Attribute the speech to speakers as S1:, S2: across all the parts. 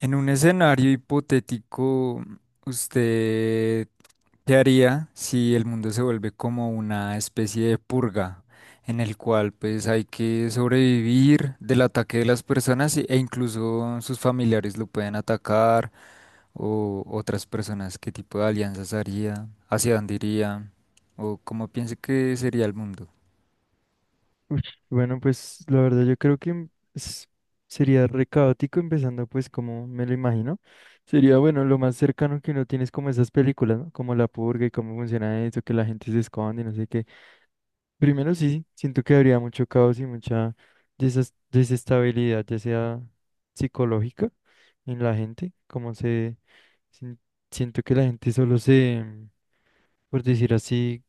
S1: En un escenario hipotético, ¿usted qué haría si el mundo se vuelve como una especie de purga en el cual pues hay que sobrevivir del ataque de las personas e incluso sus familiares lo pueden atacar o otras personas? ¿Qué tipo de alianzas haría? ¿Hacia dónde iría? ¿O cómo piensa que sería el mundo?
S2: Ush, bueno, pues la verdad yo creo que es- sería re caótico empezando pues como me lo imagino. Sería bueno, lo más cercano que uno tiene es como esas películas, ¿no? Como La Purga y cómo funciona eso, que la gente se esconde y no sé qué. Primero sí, sí, siento que habría mucho caos y mucha desestabilidad, ya sea psicológica en la gente, como se... sin- siento que la gente solo se, por decir así,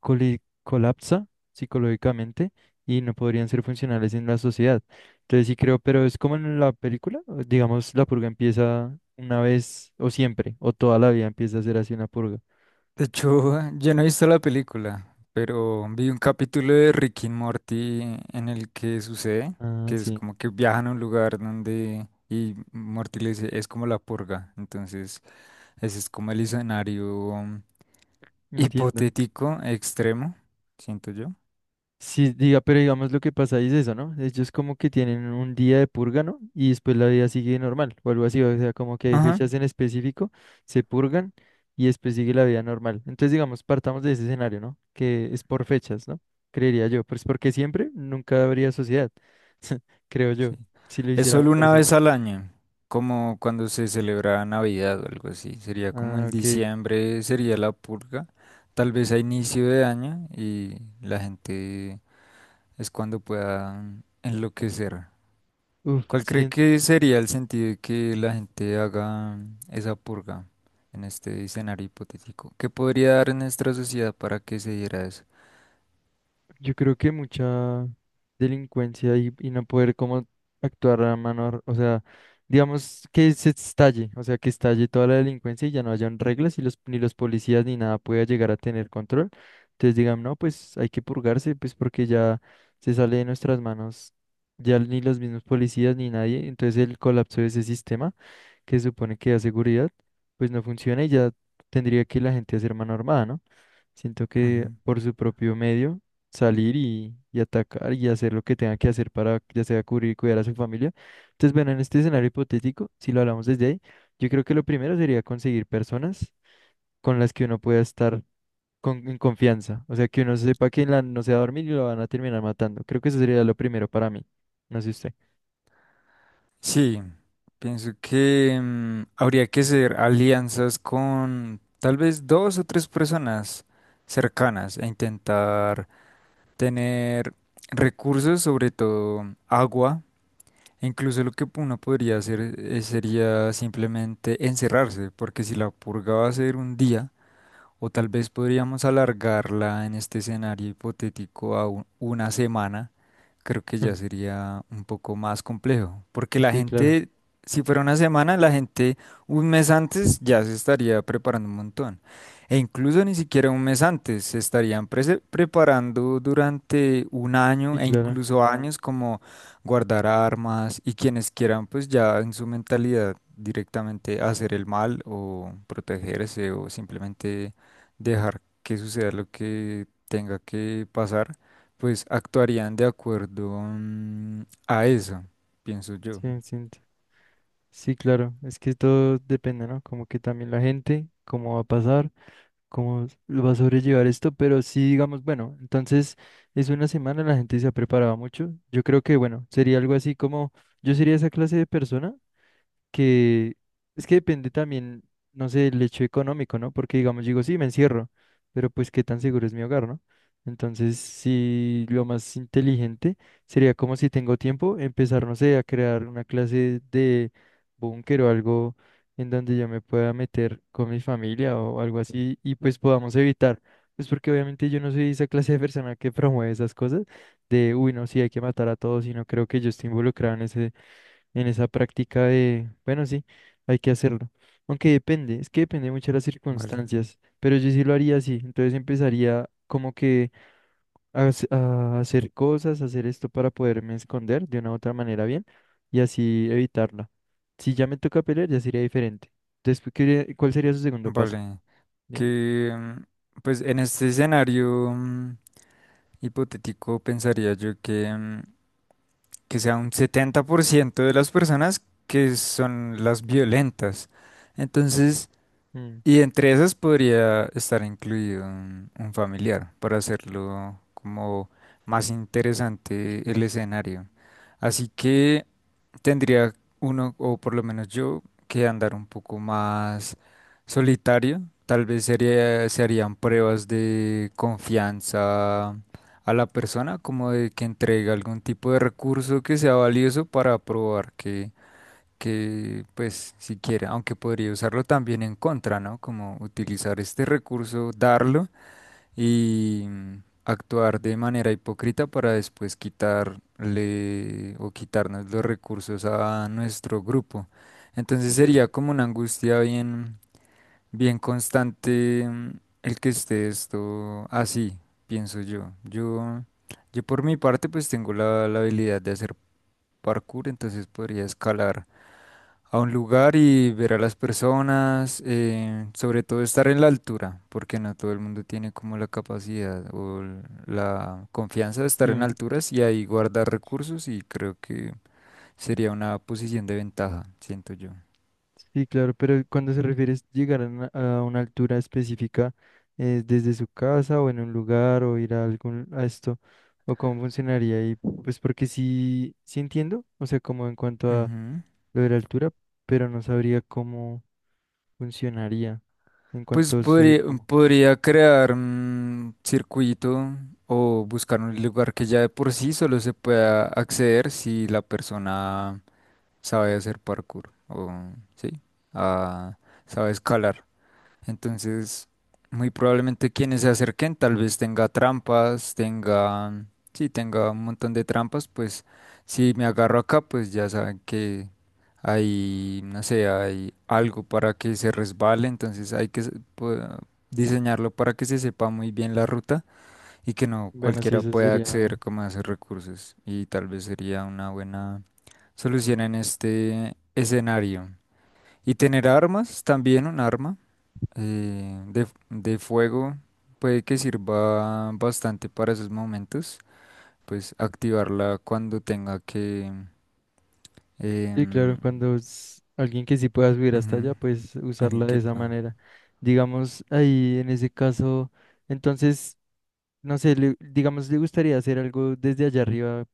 S2: colapsa psicológicamente y no podrían ser funcionales en la sociedad. Entonces sí creo, pero es como en la película, o digamos, la purga empieza una vez o siempre, o toda la vida empieza a ser así una purga.
S1: De hecho, yo no he visto la película, pero vi un capítulo de Rick y Morty en el que sucede,
S2: Ah,
S1: que es
S2: sí,
S1: como que viajan a un lugar donde y Morty le dice, es como la purga. Entonces, ese es como el escenario
S2: entiendo.
S1: hipotético extremo, siento yo.
S2: Sí, diga, pero digamos lo que pasa es eso, ¿no? Ellos como que tienen un día de purga, ¿no? Y después la vida sigue normal o algo así, o sea, como que hay
S1: Ajá,
S2: fechas en específico, se purgan y después sigue la vida normal. Entonces, digamos, partamos de ese escenario, ¿no? Que es por fechas, ¿no? Creería yo, pues porque siempre nunca habría sociedad, creo yo,
S1: sí.
S2: si lo
S1: Es
S2: hicieran
S1: solo
S2: por
S1: una vez
S2: siempre.
S1: al año, como cuando se celebra Navidad o algo así. Sería como
S2: Ah,
S1: el
S2: ok.
S1: diciembre, sería la purga tal vez a inicio de año y la gente es cuando pueda enloquecer.
S2: Uf,
S1: ¿Cuál cree
S2: sí,
S1: que sería el sentido de que la gente haga esa purga en este escenario hipotético? ¿Qué podría dar en nuestra sociedad para que se diera eso?
S2: yo creo que mucha delincuencia y no poder como actuar a mano, o sea, digamos que se estalle, o sea, que estalle toda la delincuencia y ya no hayan reglas y los, ni los policías ni nada pueda llegar a tener control. Entonces digan, no, pues hay que purgarse, pues porque ya se sale de nuestras manos, ya ni los mismos policías ni nadie, entonces el colapso de ese sistema que se supone que da seguridad, pues no funciona y ya tendría que la gente hacer mano armada, ¿no? Siento que
S1: Ujú.
S2: por su propio medio salir y atacar y hacer lo que tenga que hacer para ya sea cubrir y cuidar a su familia. Entonces, bueno, en este escenario hipotético, si lo hablamos desde ahí, yo creo que lo primero sería conseguir personas con las que uno pueda estar con, en confianza. O sea, que uno sepa que no se va a dormir y lo van a terminar matando. Creo que eso sería lo primero para mí. No sé usted.
S1: Sí, pienso que habría que hacer alianzas con tal vez dos o tres personas cercanas e intentar tener recursos, sobre todo agua. Incluso lo que uno podría hacer sería simplemente encerrarse, porque si la purga va a ser un día, o tal vez podríamos alargarla en este escenario hipotético a una semana. Creo que
S2: Mm.
S1: ya sería un poco más complejo. Porque la
S2: Sí, claro.
S1: gente, si fuera una semana, la gente un mes antes ya se estaría preparando un montón. E incluso ni siquiera un mes antes, se estarían preparando durante un año
S2: Sí,
S1: e
S2: claro.
S1: incluso años como guardar armas, y quienes quieran pues ya en su mentalidad directamente hacer el mal o protegerse o simplemente dejar que suceda lo que tenga que pasar, pues actuarían de acuerdo mm, a eso, pienso yo.
S2: Sí, sí, sí, claro, es que todo depende, ¿no? Como que también la gente, cómo va a pasar, cómo lo va a sobrellevar esto, pero sí, digamos, bueno, entonces es una semana, la gente se ha preparado mucho. Yo creo que, bueno, sería algo así como, yo sería esa clase de persona que es que depende también, no sé, el hecho económico, ¿no? Porque digamos, digo, sí, me encierro, pero pues qué tan seguro es mi hogar, ¿no? Entonces, sí, lo más inteligente sería como si tengo tiempo, empezar, no sé, a crear una clase de búnker o algo en donde yo me pueda meter con mi familia o algo así y pues podamos evitar. Pues porque obviamente yo no soy esa clase de persona que promueve esas cosas de, uy, no, sí, hay que matar a todos y no creo que yo esté involucrado en ese en esa práctica de, bueno, sí, hay que hacerlo. Aunque depende, es que depende mucho de las
S1: Vale,
S2: circunstancias, pero yo sí lo haría así, entonces empezaría como que a hacer cosas, hacer esto para poderme esconder de una u otra manera bien y así evitarla. Si ya me toca pelear, ya sería diferente. Después, ¿cuál sería su segundo paso?
S1: vale.
S2: ¿Digamos?
S1: Que pues en este escenario hipotético pensaría yo que, que sea un 70% de las personas que son las violentas. Entonces,
S2: Mm,
S1: y entre esas podría estar incluido un familiar para hacerlo como más interesante el escenario. Así que tendría uno, o por lo menos yo, que andar un poco más solitario. Tal vez sería, se harían pruebas de confianza a la persona, como de que entregue algún tipo de recurso que sea valioso para probar que pues siquiera, aunque podría usarlo también en contra, ¿no? Como utilizar este recurso, darlo y actuar de manera hipócrita para después quitarle o quitarnos los recursos a nuestro grupo. Entonces sería
S2: sí.
S1: como una angustia bien, bien constante el que esté esto así, pienso yo. Yo por mi parte pues tengo la habilidad de hacer parkour, entonces podría escalar a un lugar y ver a las personas, sobre todo estar en la altura, porque no todo el mundo tiene como la capacidad o la confianza de estar en
S2: Sí.
S1: alturas y ahí guardar recursos, y creo que sería una posición de ventaja, siento yo.
S2: Sí, claro, pero cuando se refiere a llegar a una altura específica, ¿es desde su casa o en un lugar o ir a algún a esto? ¿O cómo funcionaría? Y pues porque sí, sí entiendo, o sea, como en cuanto a
S1: Ujú.
S2: lo de la altura, pero no sabría cómo funcionaría en
S1: Pues
S2: cuanto a subir
S1: podría,
S2: como.
S1: podría crear un circuito o buscar un lugar que ya de por sí solo se pueda acceder si la persona sabe hacer parkour o sí, ah, sabe escalar. Entonces, muy probablemente quienes se acerquen, tal vez tenga trampas, tenga, sí, tenga un montón de trampas, pues si me agarro acá, pues ya saben que hay, no sé, hay algo para que se resbale, entonces hay que diseñarlo para que se sepa muy bien la ruta y que no
S2: Bueno, sí,
S1: cualquiera
S2: eso
S1: pueda
S2: sería.
S1: acceder como a esos recursos. Y tal vez sería una buena solución en este escenario. Y tener armas, también un arma de fuego puede que sirva bastante para esos momentos, pues activarla cuando tenga que...
S2: Sí, claro,
S1: em,
S2: cuando es alguien que sí pueda subir hasta allá,
S1: ujú,
S2: pues
S1: alguien
S2: usarla de
S1: que...
S2: esa
S1: pa-
S2: manera. Digamos, ahí en ese caso, entonces. No sé, digamos, le gustaría hacer algo desde allá arriba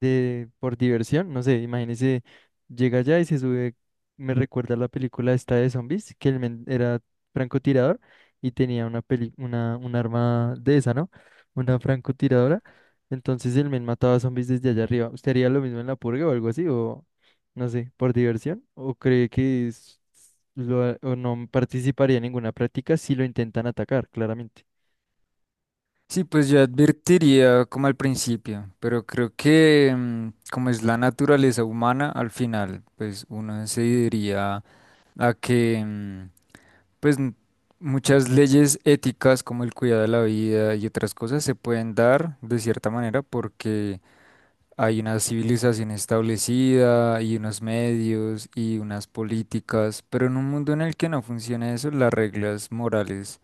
S2: de, por diversión. No sé, imagínese, llega allá y se sube. Me recuerda la película esta de zombies, que el men era francotirador y tenía una peli, una, un arma de esa, ¿no? Una francotiradora. Entonces el men mataba zombies desde allá arriba. ¿Usted haría lo mismo en la purga o algo así? O no sé, por diversión. ¿O cree que o no participaría en ninguna práctica si lo intentan atacar, claramente?
S1: Sí, pues yo advertiría como al principio, pero creo que como es la naturaleza humana, al final, pues uno se diría a que, pues n- muchas leyes éticas como el cuidado de la vida y otras cosas se pueden dar de cierta manera porque hay una civilización establecida y unos medios y unas políticas, pero en un mundo en el que no funciona eso, las reglas morales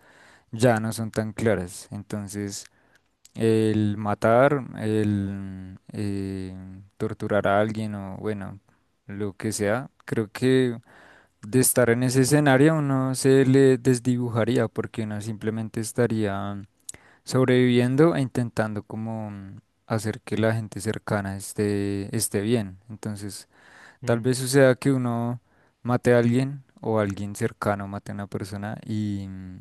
S1: ya no son tan claras. Entonces, el matar, el torturar a alguien o bueno, lo que sea, creo que de estar en ese escenario uno se le desdibujaría porque uno simplemente estaría sobreviviendo e intentando como hacer que la gente cercana esté, esté bien. Entonces, tal
S2: Mm,
S1: vez suceda que uno mate a alguien o alguien cercano mate a una persona y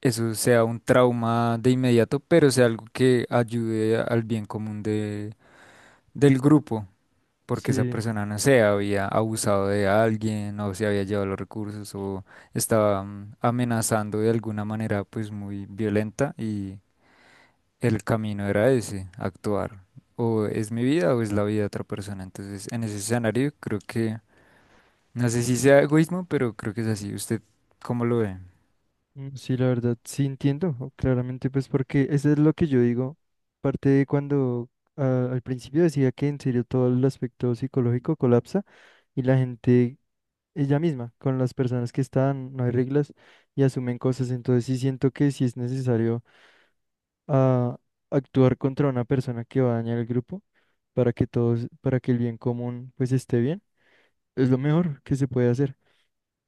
S1: eso sea un trauma de inmediato, pero sea algo que ayude al bien común de, del grupo. Porque esa
S2: sí.
S1: persona, no sé, había abusado de alguien o se había llevado los recursos o estaba amenazando de alguna manera pues muy violenta y el camino era ese, actuar. O es mi vida o es la vida de otra persona. Entonces, en ese escenario, creo que, no sé si sea egoísmo, pero creo que es así. ¿Usted cómo lo ve?
S2: Mm, sí, la verdad, sí entiendo, o claramente, pues porque eso es lo que yo digo, parte de cuando al principio decía que en serio todo el aspecto psicológico colapsa y la gente, ella misma, con las personas que están, no hay reglas y asumen cosas, entonces sí siento que sí es necesario ah, actuar contra una persona que va a dañar el grupo para que todos, para que el bien común pues esté bien, es lo mejor que se puede hacer.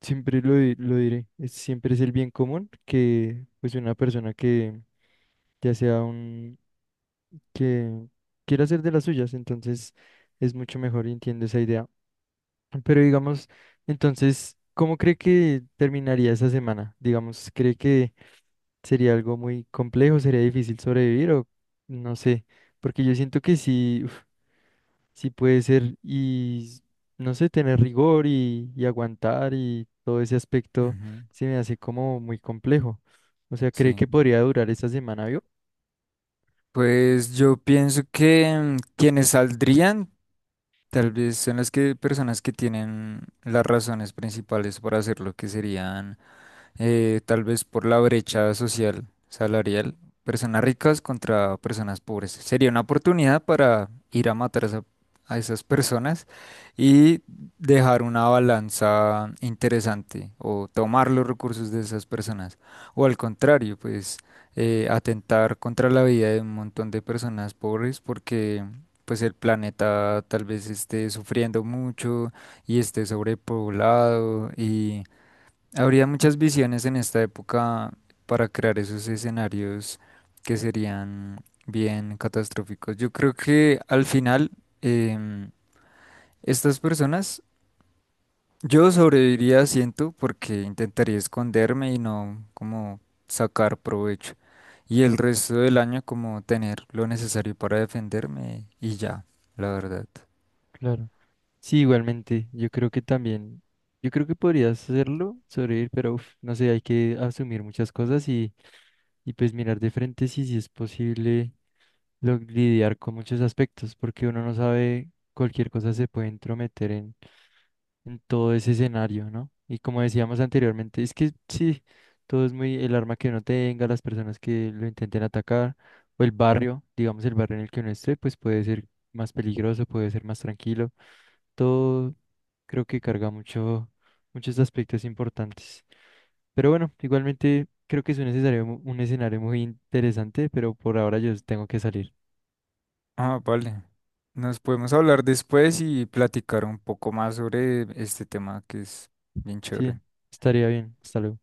S2: Siempre lo diré, siempre es el bien común que pues una persona que ya sea un que quiera hacer de las suyas, entonces es mucho mejor y entiendo esa idea. Pero digamos, entonces, ¿cómo cree que terminaría esa semana? Digamos, ¿cree que sería algo muy complejo, sería difícil sobrevivir o no sé? Porque yo siento que sí, sí puede ser y no sé, tener rigor y aguantar y todo ese aspecto
S1: Ujú,
S2: se me hace como muy complejo. O sea, ¿cree
S1: sí.
S2: que podría durar esta semana, vio?
S1: Pues yo pienso que quienes saldrían tal vez son las que personas que tienen las razones principales para hacerlo, que serían tal vez por la brecha social, salarial, personas ricas contra personas pobres. Sería una oportunidad para ir a matar a esas personas y dejar una balanza interesante o tomar los recursos de esas personas. O al contrario, pues atentar contra la vida de un montón de personas pobres porque... pues el planeta tal vez esté sufriendo mucho y esté sobrepoblado. Habría muchas visiones en esta época para crear esos escenarios que serían bien catastróficos. Yo creo que al final em, estas personas, yo sobreviviría, siento, porque intentaría esconderme y no como sacar provecho. Y el resto del año como tener lo necesario para defenderme y ya, la verdad.
S2: Claro. Sí, igualmente, yo creo que también, yo creo que podrías hacerlo, sobrevivir, pero uf, no sé, hay que asumir muchas cosas y pues mirar de frente si, si es posible lidiar con muchos aspectos, porque uno no sabe, cualquier cosa se puede entrometer en todo ese escenario, ¿no? Y como decíamos anteriormente, es que sí, todo es muy el arma que uno tenga, las personas que lo intenten atacar, o el barrio, digamos el barrio en el que uno esté, pues puede ser más peligroso, puede ser más tranquilo. Todo creo que carga mucho, muchos aspectos importantes. Pero bueno, igualmente creo que es un escenario, un escenario muy interesante, pero por ahora yo tengo que salir.
S1: Ah, vale. Nos podemos hablar después y platicar un poco más sobre este tema que es bien chévere.
S2: Sí, estaría bien. Hasta luego.